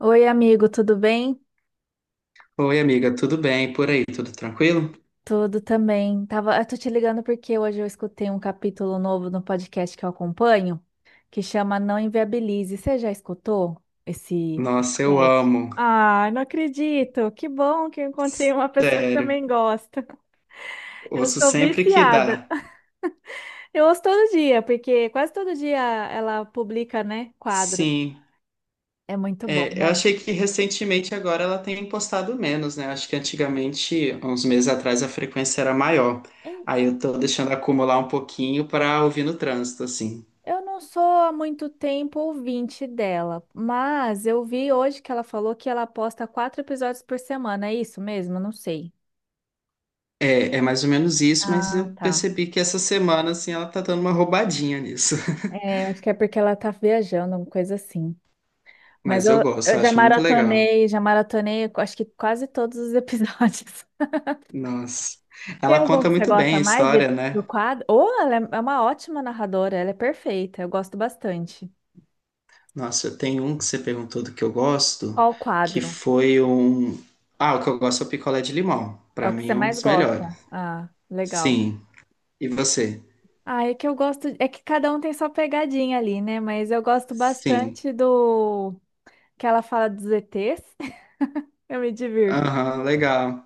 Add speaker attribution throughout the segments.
Speaker 1: Oi, amigo, tudo bem?
Speaker 2: Oi, amiga, tudo bem por aí? Tudo tranquilo?
Speaker 1: Tudo também. Eu tô te ligando porque hoje eu escutei um capítulo novo no podcast que eu acompanho, que chama Não Inviabilize. Você já escutou esse
Speaker 2: Nossa, eu
Speaker 1: podcast?
Speaker 2: amo.
Speaker 1: Ah, não acredito. Que bom que eu encontrei uma pessoa que
Speaker 2: Sério.
Speaker 1: também gosta. Eu
Speaker 2: Ouço
Speaker 1: sou
Speaker 2: sempre que
Speaker 1: viciada.
Speaker 2: dá.
Speaker 1: Eu ouço todo dia, porque quase todo dia ela publica, né, quadro.
Speaker 2: Sim.
Speaker 1: É muito bom,
Speaker 2: É, eu
Speaker 1: né?
Speaker 2: achei que recentemente agora ela tem postado menos, né? Acho que antigamente, há uns meses atrás, a frequência era maior. Aí eu tô deixando acumular um pouquinho para ouvir no trânsito, assim.
Speaker 1: Eu não sou há muito tempo ouvinte dela, mas eu vi hoje que ela falou que ela posta quatro episódios por semana. É isso mesmo? Não sei.
Speaker 2: É, é mais ou menos isso, mas
Speaker 1: Ah,
Speaker 2: eu
Speaker 1: tá.
Speaker 2: percebi que essa semana, assim, ela tá dando uma roubadinha nisso.
Speaker 1: É, acho que é porque ela tá viajando, uma coisa assim. Mas
Speaker 2: Mas eu
Speaker 1: eu,
Speaker 2: gosto,
Speaker 1: eu
Speaker 2: eu
Speaker 1: já
Speaker 2: acho muito legal.
Speaker 1: maratonei, acho que quase todos os episódios.
Speaker 2: Nossa.
Speaker 1: Tem
Speaker 2: Ela
Speaker 1: algum
Speaker 2: conta
Speaker 1: que você
Speaker 2: muito bem
Speaker 1: gosta
Speaker 2: a
Speaker 1: mais? E
Speaker 2: história,
Speaker 1: do
Speaker 2: né?
Speaker 1: quadro. Ou ela é uma ótima narradora, ela é perfeita, eu gosto bastante.
Speaker 2: Nossa, eu tenho um que você perguntou do que eu gosto,
Speaker 1: Qual o
Speaker 2: que
Speaker 1: quadro?
Speaker 2: foi um. Ah, o que eu gosto é o picolé de limão.
Speaker 1: É
Speaker 2: Pra
Speaker 1: o que
Speaker 2: mim
Speaker 1: você
Speaker 2: é um
Speaker 1: mais
Speaker 2: dos
Speaker 1: gosta?
Speaker 2: melhores.
Speaker 1: Ah, legal.
Speaker 2: Sim. E você?
Speaker 1: Ah, é que eu gosto. É que cada um tem sua pegadinha ali, né? Mas eu gosto
Speaker 2: Sim.
Speaker 1: bastante do que ela fala dos ETs. Eu me divirto.
Speaker 2: Aham, legal.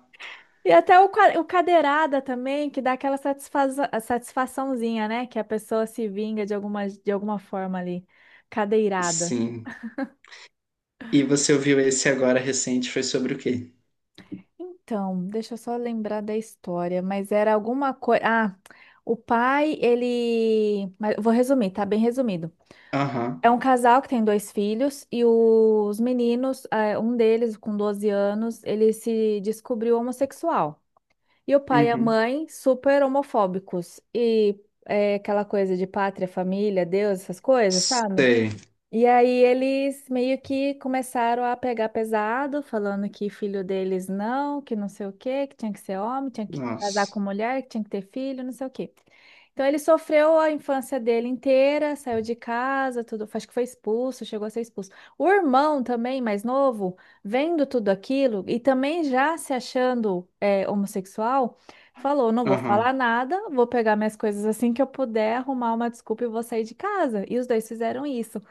Speaker 1: E até o cadeirada também, que dá aquela satisfaçãozinha, né? Que a pessoa se vinga de alguma forma ali. Cadeirada.
Speaker 2: Sim. E você ouviu esse agora recente, foi sobre o quê?
Speaker 1: Então, deixa eu só lembrar da história, mas era alguma coisa. Ah, o pai, ele, mas eu vou resumir, tá bem resumido. É
Speaker 2: Aham.
Speaker 1: um casal que tem dois filhos e os meninos, um deles com 12 anos, ele se descobriu homossexual. E o pai e a
Speaker 2: Uhum.
Speaker 1: mãe super homofóbicos. E é aquela coisa de pátria, família, Deus, essas coisas, sabe?
Speaker 2: Sei.
Speaker 1: E aí eles meio que começaram a pegar pesado, falando que filho deles não, que não sei o quê, que tinha que ser homem, tinha que casar com
Speaker 2: Nossa.
Speaker 1: mulher, que tinha que ter filho, não sei o quê. Então ele sofreu a infância dele inteira, saiu de casa, tudo, acho que foi expulso, chegou a ser expulso. O irmão também, mais novo, vendo tudo aquilo e também já se achando homossexual, falou: não vou
Speaker 2: Aham.
Speaker 1: falar nada, vou pegar minhas coisas assim que eu puder, arrumar uma desculpa e vou sair de casa. E os dois fizeram isso.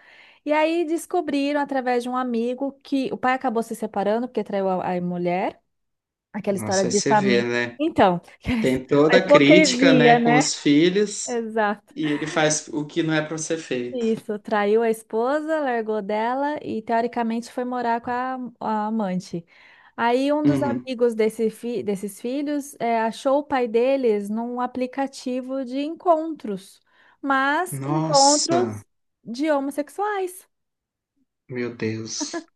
Speaker 1: E aí descobriram através de um amigo que o pai acabou se separando porque traiu a mulher. Aquela história
Speaker 2: Nossa, aí
Speaker 1: de
Speaker 2: você vê,
Speaker 1: família.
Speaker 2: né?
Speaker 1: Então,
Speaker 2: Tem
Speaker 1: a
Speaker 2: toda a crítica,
Speaker 1: hipocrisia,
Speaker 2: né, com
Speaker 1: né?
Speaker 2: os filhos,
Speaker 1: Exato.
Speaker 2: e ele faz o que não é pra ser feito.
Speaker 1: Isso, traiu a esposa, largou dela e teoricamente foi morar com a amante. Aí um dos
Speaker 2: Uhum.
Speaker 1: amigos desses filhos achou o pai deles num aplicativo de encontros, mas
Speaker 2: Nossa,
Speaker 1: encontros de homossexuais.
Speaker 2: meu Deus.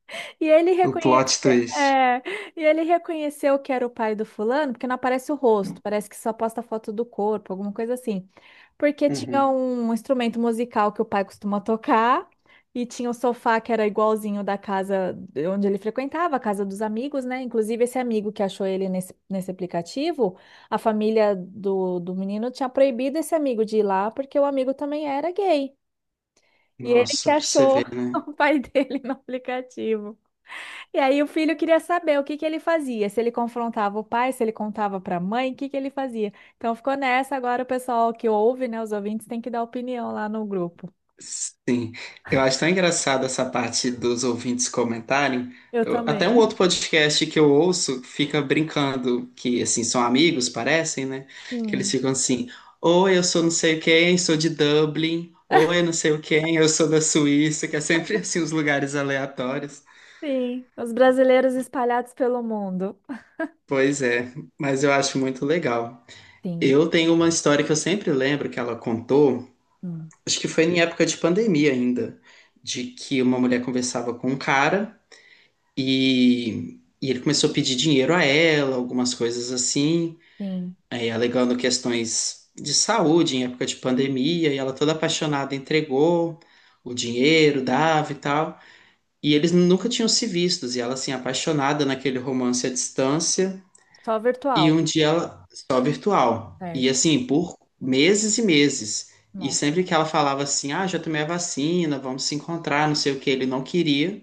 Speaker 1: E ele
Speaker 2: O
Speaker 1: reconheceu
Speaker 2: plot twist.
Speaker 1: É, e ele reconheceu que era o pai do fulano, porque não aparece o rosto, parece que só posta foto do corpo, alguma coisa assim. Porque tinha
Speaker 2: Uhum.
Speaker 1: um instrumento musical que o pai costuma tocar, e tinha o sofá que era igualzinho da casa de onde ele frequentava, a casa dos amigos, né? Inclusive, esse amigo que achou ele nesse aplicativo, a família do menino tinha proibido esse amigo de ir lá, porque o amigo também era gay. E ele que
Speaker 2: Nossa, pra você
Speaker 1: achou
Speaker 2: ver, né?
Speaker 1: o pai dele no aplicativo. E aí o filho queria saber o que que ele fazia, se ele confrontava o pai, se ele contava para a mãe, o que que ele fazia. Então ficou nessa, agora o pessoal que ouve, né, os ouvintes tem que dar opinião lá no grupo.
Speaker 2: Sim. Eu acho tão engraçado essa parte dos ouvintes comentarem.
Speaker 1: Eu
Speaker 2: Até
Speaker 1: também.
Speaker 2: um outro podcast que eu ouço fica brincando, que assim, são amigos, parecem, né? Que eles
Speaker 1: Hum,
Speaker 2: ficam assim, ou eu sou não sei quem, sou de Dublin, ou eu não sei o quem, eu sou da Suíça, que é sempre assim, os lugares aleatórios.
Speaker 1: sim, os brasileiros espalhados pelo mundo.
Speaker 2: Pois é, mas eu acho muito legal.
Speaker 1: Sim,
Speaker 2: Eu tenho uma história que eu sempre lembro que ela contou.
Speaker 1: hum,
Speaker 2: Acho que foi em época de pandemia ainda, de que uma mulher conversava com um cara e ele começou a pedir dinheiro a ela, algumas coisas assim,
Speaker 1: sim.
Speaker 2: aí alegando questões de saúde em época de pandemia, e ela toda apaixonada entregou o dinheiro, dava e tal. E eles nunca tinham se vistos, e ela assim, apaixonada naquele romance à distância.
Speaker 1: Só virtual,
Speaker 2: E um dia ela só virtual. E
Speaker 1: certo?
Speaker 2: assim, por meses e meses. E
Speaker 1: Nossa.
Speaker 2: sempre que ela falava assim, ah, já tomei a vacina, vamos se encontrar, não sei o que, ele não queria.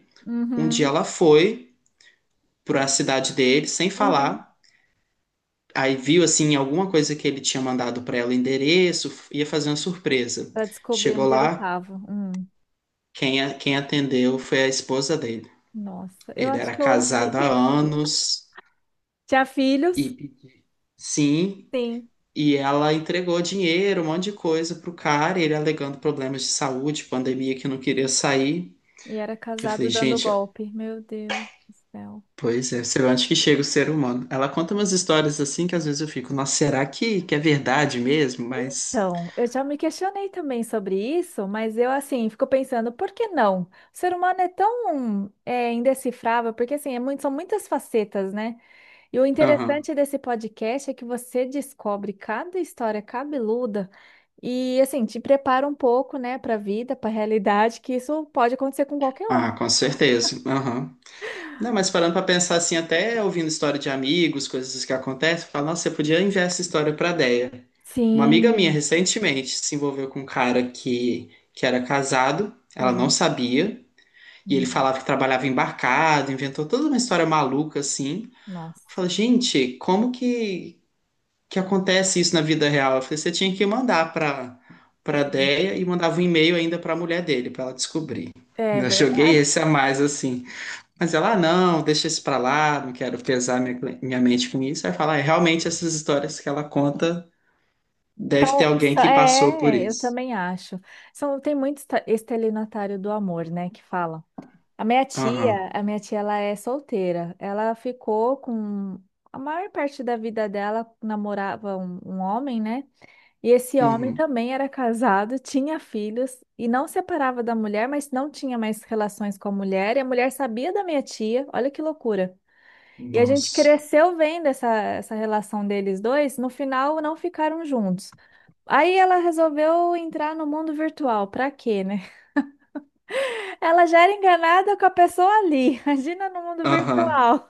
Speaker 2: Um dia
Speaker 1: Uhum,
Speaker 2: ela foi para a cidade dele sem
Speaker 1: uhum.
Speaker 2: falar. Aí viu assim alguma coisa que ele tinha mandado para ela, endereço, ia fazer uma surpresa.
Speaker 1: Para descobrir
Speaker 2: Chegou
Speaker 1: onde ele
Speaker 2: lá,
Speaker 1: estava.
Speaker 2: quem, quem atendeu foi a esposa dele.
Speaker 1: Nossa, eu
Speaker 2: Ele
Speaker 1: acho
Speaker 2: era
Speaker 1: que eu ouvi.
Speaker 2: casado há anos
Speaker 1: Tinha filhos?
Speaker 2: e sim.
Speaker 1: Sim.
Speaker 2: E ela entregou dinheiro, um monte de coisa pro cara, e ele alegando problemas de saúde, pandemia que não queria sair.
Speaker 1: E era
Speaker 2: Eu
Speaker 1: casado
Speaker 2: falei,
Speaker 1: dando
Speaker 2: gente,
Speaker 1: golpe. Meu Deus do céu.
Speaker 2: pois é, você vê onde que chega o ser humano? Ela conta umas histórias assim que às vezes eu fico, nossa, será que é verdade mesmo? Mas.
Speaker 1: Então, eu já me questionei também sobre isso, mas eu, assim, fico pensando, por que não? O ser humano é tão indecifrável, porque, assim, são muitas facetas, né? E o
Speaker 2: Aham.
Speaker 1: interessante desse podcast é que você descobre cada história cabeluda e, assim, te prepara um pouco, né, para a vida, para a realidade, que isso pode acontecer com qualquer um.
Speaker 2: Ah, com certeza. Aham. Não, mas parando pra pensar assim, até ouvindo história de amigos, coisas assim que acontecem, eu falo, nossa, eu podia enviar essa história pra Deia. Uma amiga minha
Speaker 1: Sim.
Speaker 2: recentemente se envolveu com um cara que era casado, ela não
Speaker 1: Ah,
Speaker 2: sabia. E ele
Speaker 1: hum,
Speaker 2: falava que trabalhava embarcado, inventou toda uma história maluca assim. Eu
Speaker 1: nossa.
Speaker 2: falei, gente, como que acontece isso na vida real? Eu falei, você tinha que mandar pra, pra Déia e mandava um e-mail ainda pra mulher dele, pra ela descobrir.
Speaker 1: É
Speaker 2: Ainda joguei
Speaker 1: verdade.
Speaker 2: esse a mais assim. Mas ela, ah, não, deixa isso pra lá, não quero pesar minha, minha mente com isso. Aí fala, é, realmente essas histórias que ela conta, deve ter alguém que passou por
Speaker 1: É, eu
Speaker 2: isso.
Speaker 1: também acho. São, tem muito estelionatário do amor, né, que falam. A minha
Speaker 2: Aham,
Speaker 1: tia, a minha tia, ela é solteira. Ela ficou com a maior parte da vida dela namorava um homem, né? E esse homem
Speaker 2: uhum,
Speaker 1: também era casado, tinha filhos e não separava da mulher, mas não tinha mais relações com a mulher. E a mulher sabia da minha tia. Olha que loucura. E a gente
Speaker 2: nossa,
Speaker 1: cresceu vendo essa relação deles dois. No final, não ficaram juntos. Aí ela resolveu entrar no mundo virtual. Pra quê, né? Ela já era enganada com a pessoa ali. Imagina no mundo
Speaker 2: aham,
Speaker 1: virtual.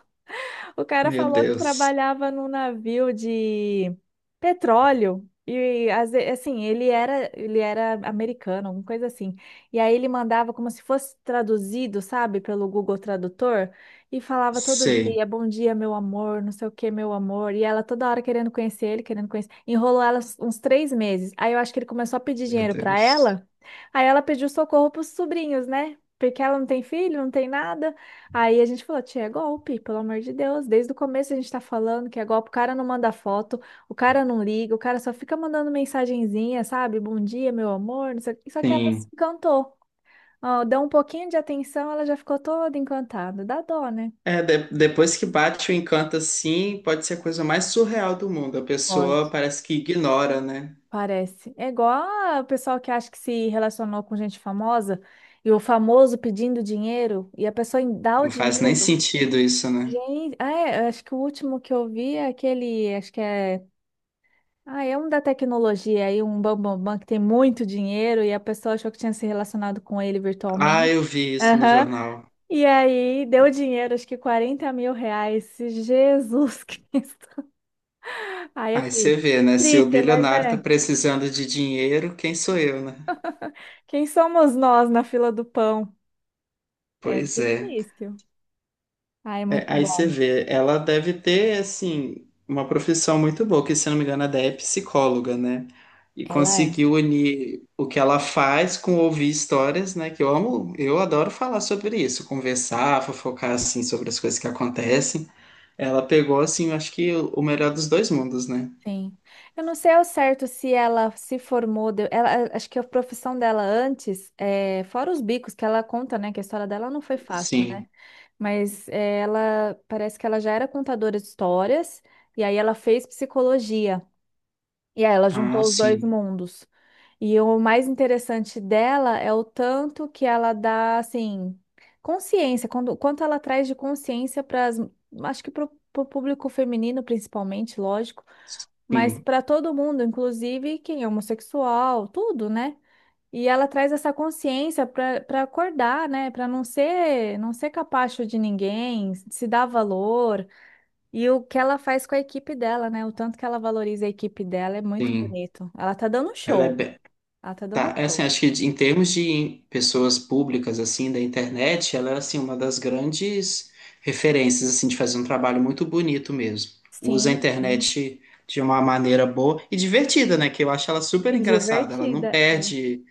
Speaker 1: O cara
Speaker 2: meu
Speaker 1: falou que
Speaker 2: Deus,
Speaker 1: trabalhava num navio de petróleo. E assim, ele era americano, alguma coisa assim. E aí ele mandava como se fosse traduzido, sabe, pelo Google Tradutor, e falava todo
Speaker 2: sei.
Speaker 1: dia, bom dia, meu amor, não sei o que, meu amor. E ela toda hora querendo conhecer ele, querendo conhecer. Enrolou ela uns 3 meses. Aí eu acho que ele começou a pedir
Speaker 2: Meu
Speaker 1: dinheiro pra
Speaker 2: Deus.
Speaker 1: ela. Aí ela pediu socorro pros sobrinhos, né? Porque ela não tem filho, não tem nada. Aí a gente falou, tia, é golpe, pelo amor de Deus. Desde o começo a gente tá falando que é golpe, o cara não manda foto, o cara não liga, o cara só fica mandando mensagenzinha, sabe? Bom dia, meu amor, não sei o quê. Só que ela se
Speaker 2: Sim.
Speaker 1: encantou. Ó, deu um pouquinho de atenção, ela já ficou toda encantada. Dá dó, né?
Speaker 2: É, depois que bate o encanto assim, pode ser a coisa mais surreal do mundo. A
Speaker 1: Pode.
Speaker 2: pessoa parece que ignora, né?
Speaker 1: Parece. É igual o pessoal que acha que se relacionou com gente famosa e o famoso pedindo dinheiro e a pessoa dá o
Speaker 2: Não faz nem
Speaker 1: dinheiro.
Speaker 2: sentido isso, né?
Speaker 1: Gente, ah, é, eu acho que o último que eu vi é aquele, acho que é. Ah, é um da tecnologia aí, um bambambam que tem muito dinheiro e a pessoa achou que tinha se relacionado com ele
Speaker 2: Ah,
Speaker 1: virtualmente.
Speaker 2: eu vi isso no
Speaker 1: Aham.
Speaker 2: jornal.
Speaker 1: E aí deu dinheiro, acho que R$ 40.000. Jesus Cristo. Ai, é
Speaker 2: Aí você
Speaker 1: triste.
Speaker 2: vê, né? Se o
Speaker 1: Triste, mas
Speaker 2: bilionário tá
Speaker 1: é.
Speaker 2: precisando de dinheiro, quem sou eu, né?
Speaker 1: Quem somos nós na fila do pão? É
Speaker 2: Pois é.
Speaker 1: difícil. Ah, é
Speaker 2: É,
Speaker 1: muito
Speaker 2: aí você
Speaker 1: bom.
Speaker 2: vê, ela deve ter, assim, uma profissão muito boa, que se eu não me engano, a ideia é psicóloga, né? E
Speaker 1: Ela é.
Speaker 2: conseguiu unir o que ela faz com ouvir histórias, né? Que eu amo, eu adoro falar sobre isso, conversar, fofocar, assim, sobre as coisas que acontecem. Ela pegou, assim, eu acho que o melhor dos dois mundos, né?
Speaker 1: Sim. Eu não sei ao certo se ela se formou, ela, acho que a profissão dela antes, fora os bicos que ela conta, né, que a história dela não foi fácil, né?
Speaker 2: Sim.
Speaker 1: Mas ela parece que ela já era contadora de histórias e aí ela fez psicologia. E aí ela
Speaker 2: Ah,
Speaker 1: juntou os dois
Speaker 2: sim.
Speaker 1: mundos. E o mais interessante dela é o tanto que ela dá, assim, consciência, quanto ela traz de consciência para as, acho que para o público feminino, principalmente, lógico, mas
Speaker 2: Sim,
Speaker 1: para todo mundo, inclusive quem é homossexual, tudo, né? E ela traz essa consciência para acordar, né? Para não ser capacho de ninguém, se dar valor. E o que ela faz com a equipe dela, né? O tanto que ela valoriza a equipe dela é muito
Speaker 2: sim.
Speaker 1: bonito. Ela tá dando um
Speaker 2: Ela é,
Speaker 1: show.
Speaker 2: be-.
Speaker 1: Ela tá dando
Speaker 2: Tá,
Speaker 1: um
Speaker 2: é assim,
Speaker 1: show.
Speaker 2: acho que em termos de pessoas públicas, assim, da internet, ela é, assim, uma das grandes referências, assim, de fazer um trabalho muito bonito mesmo. Usa a
Speaker 1: Sim, sim.
Speaker 2: internet de uma maneira boa e divertida, né? Que eu acho ela super
Speaker 1: E
Speaker 2: engraçada. Ela não
Speaker 1: divertida.
Speaker 2: perde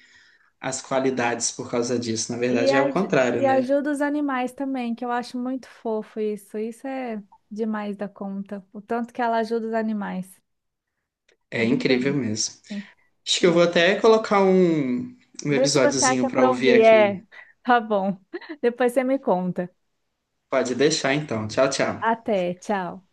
Speaker 2: as qualidades por causa disso. Na
Speaker 1: E,
Speaker 2: verdade, é o
Speaker 1: aj-
Speaker 2: contrário,
Speaker 1: e
Speaker 2: né?
Speaker 1: ajuda os animais também, que eu acho muito fofo isso. Isso é demais da conta. O tanto que ela ajuda os animais. É
Speaker 2: É
Speaker 1: bem
Speaker 2: incrível
Speaker 1: bonito.
Speaker 2: mesmo.
Speaker 1: Sim.
Speaker 2: Acho que eu vou até colocar um, um
Speaker 1: Vê se você
Speaker 2: episódiozinho
Speaker 1: acha
Speaker 2: para
Speaker 1: pra
Speaker 2: ouvir
Speaker 1: ouvir.
Speaker 2: aqui.
Speaker 1: É, tá bom. Depois você me conta.
Speaker 2: Pode deixar, então. Tchau, tchau.
Speaker 1: Até, tchau.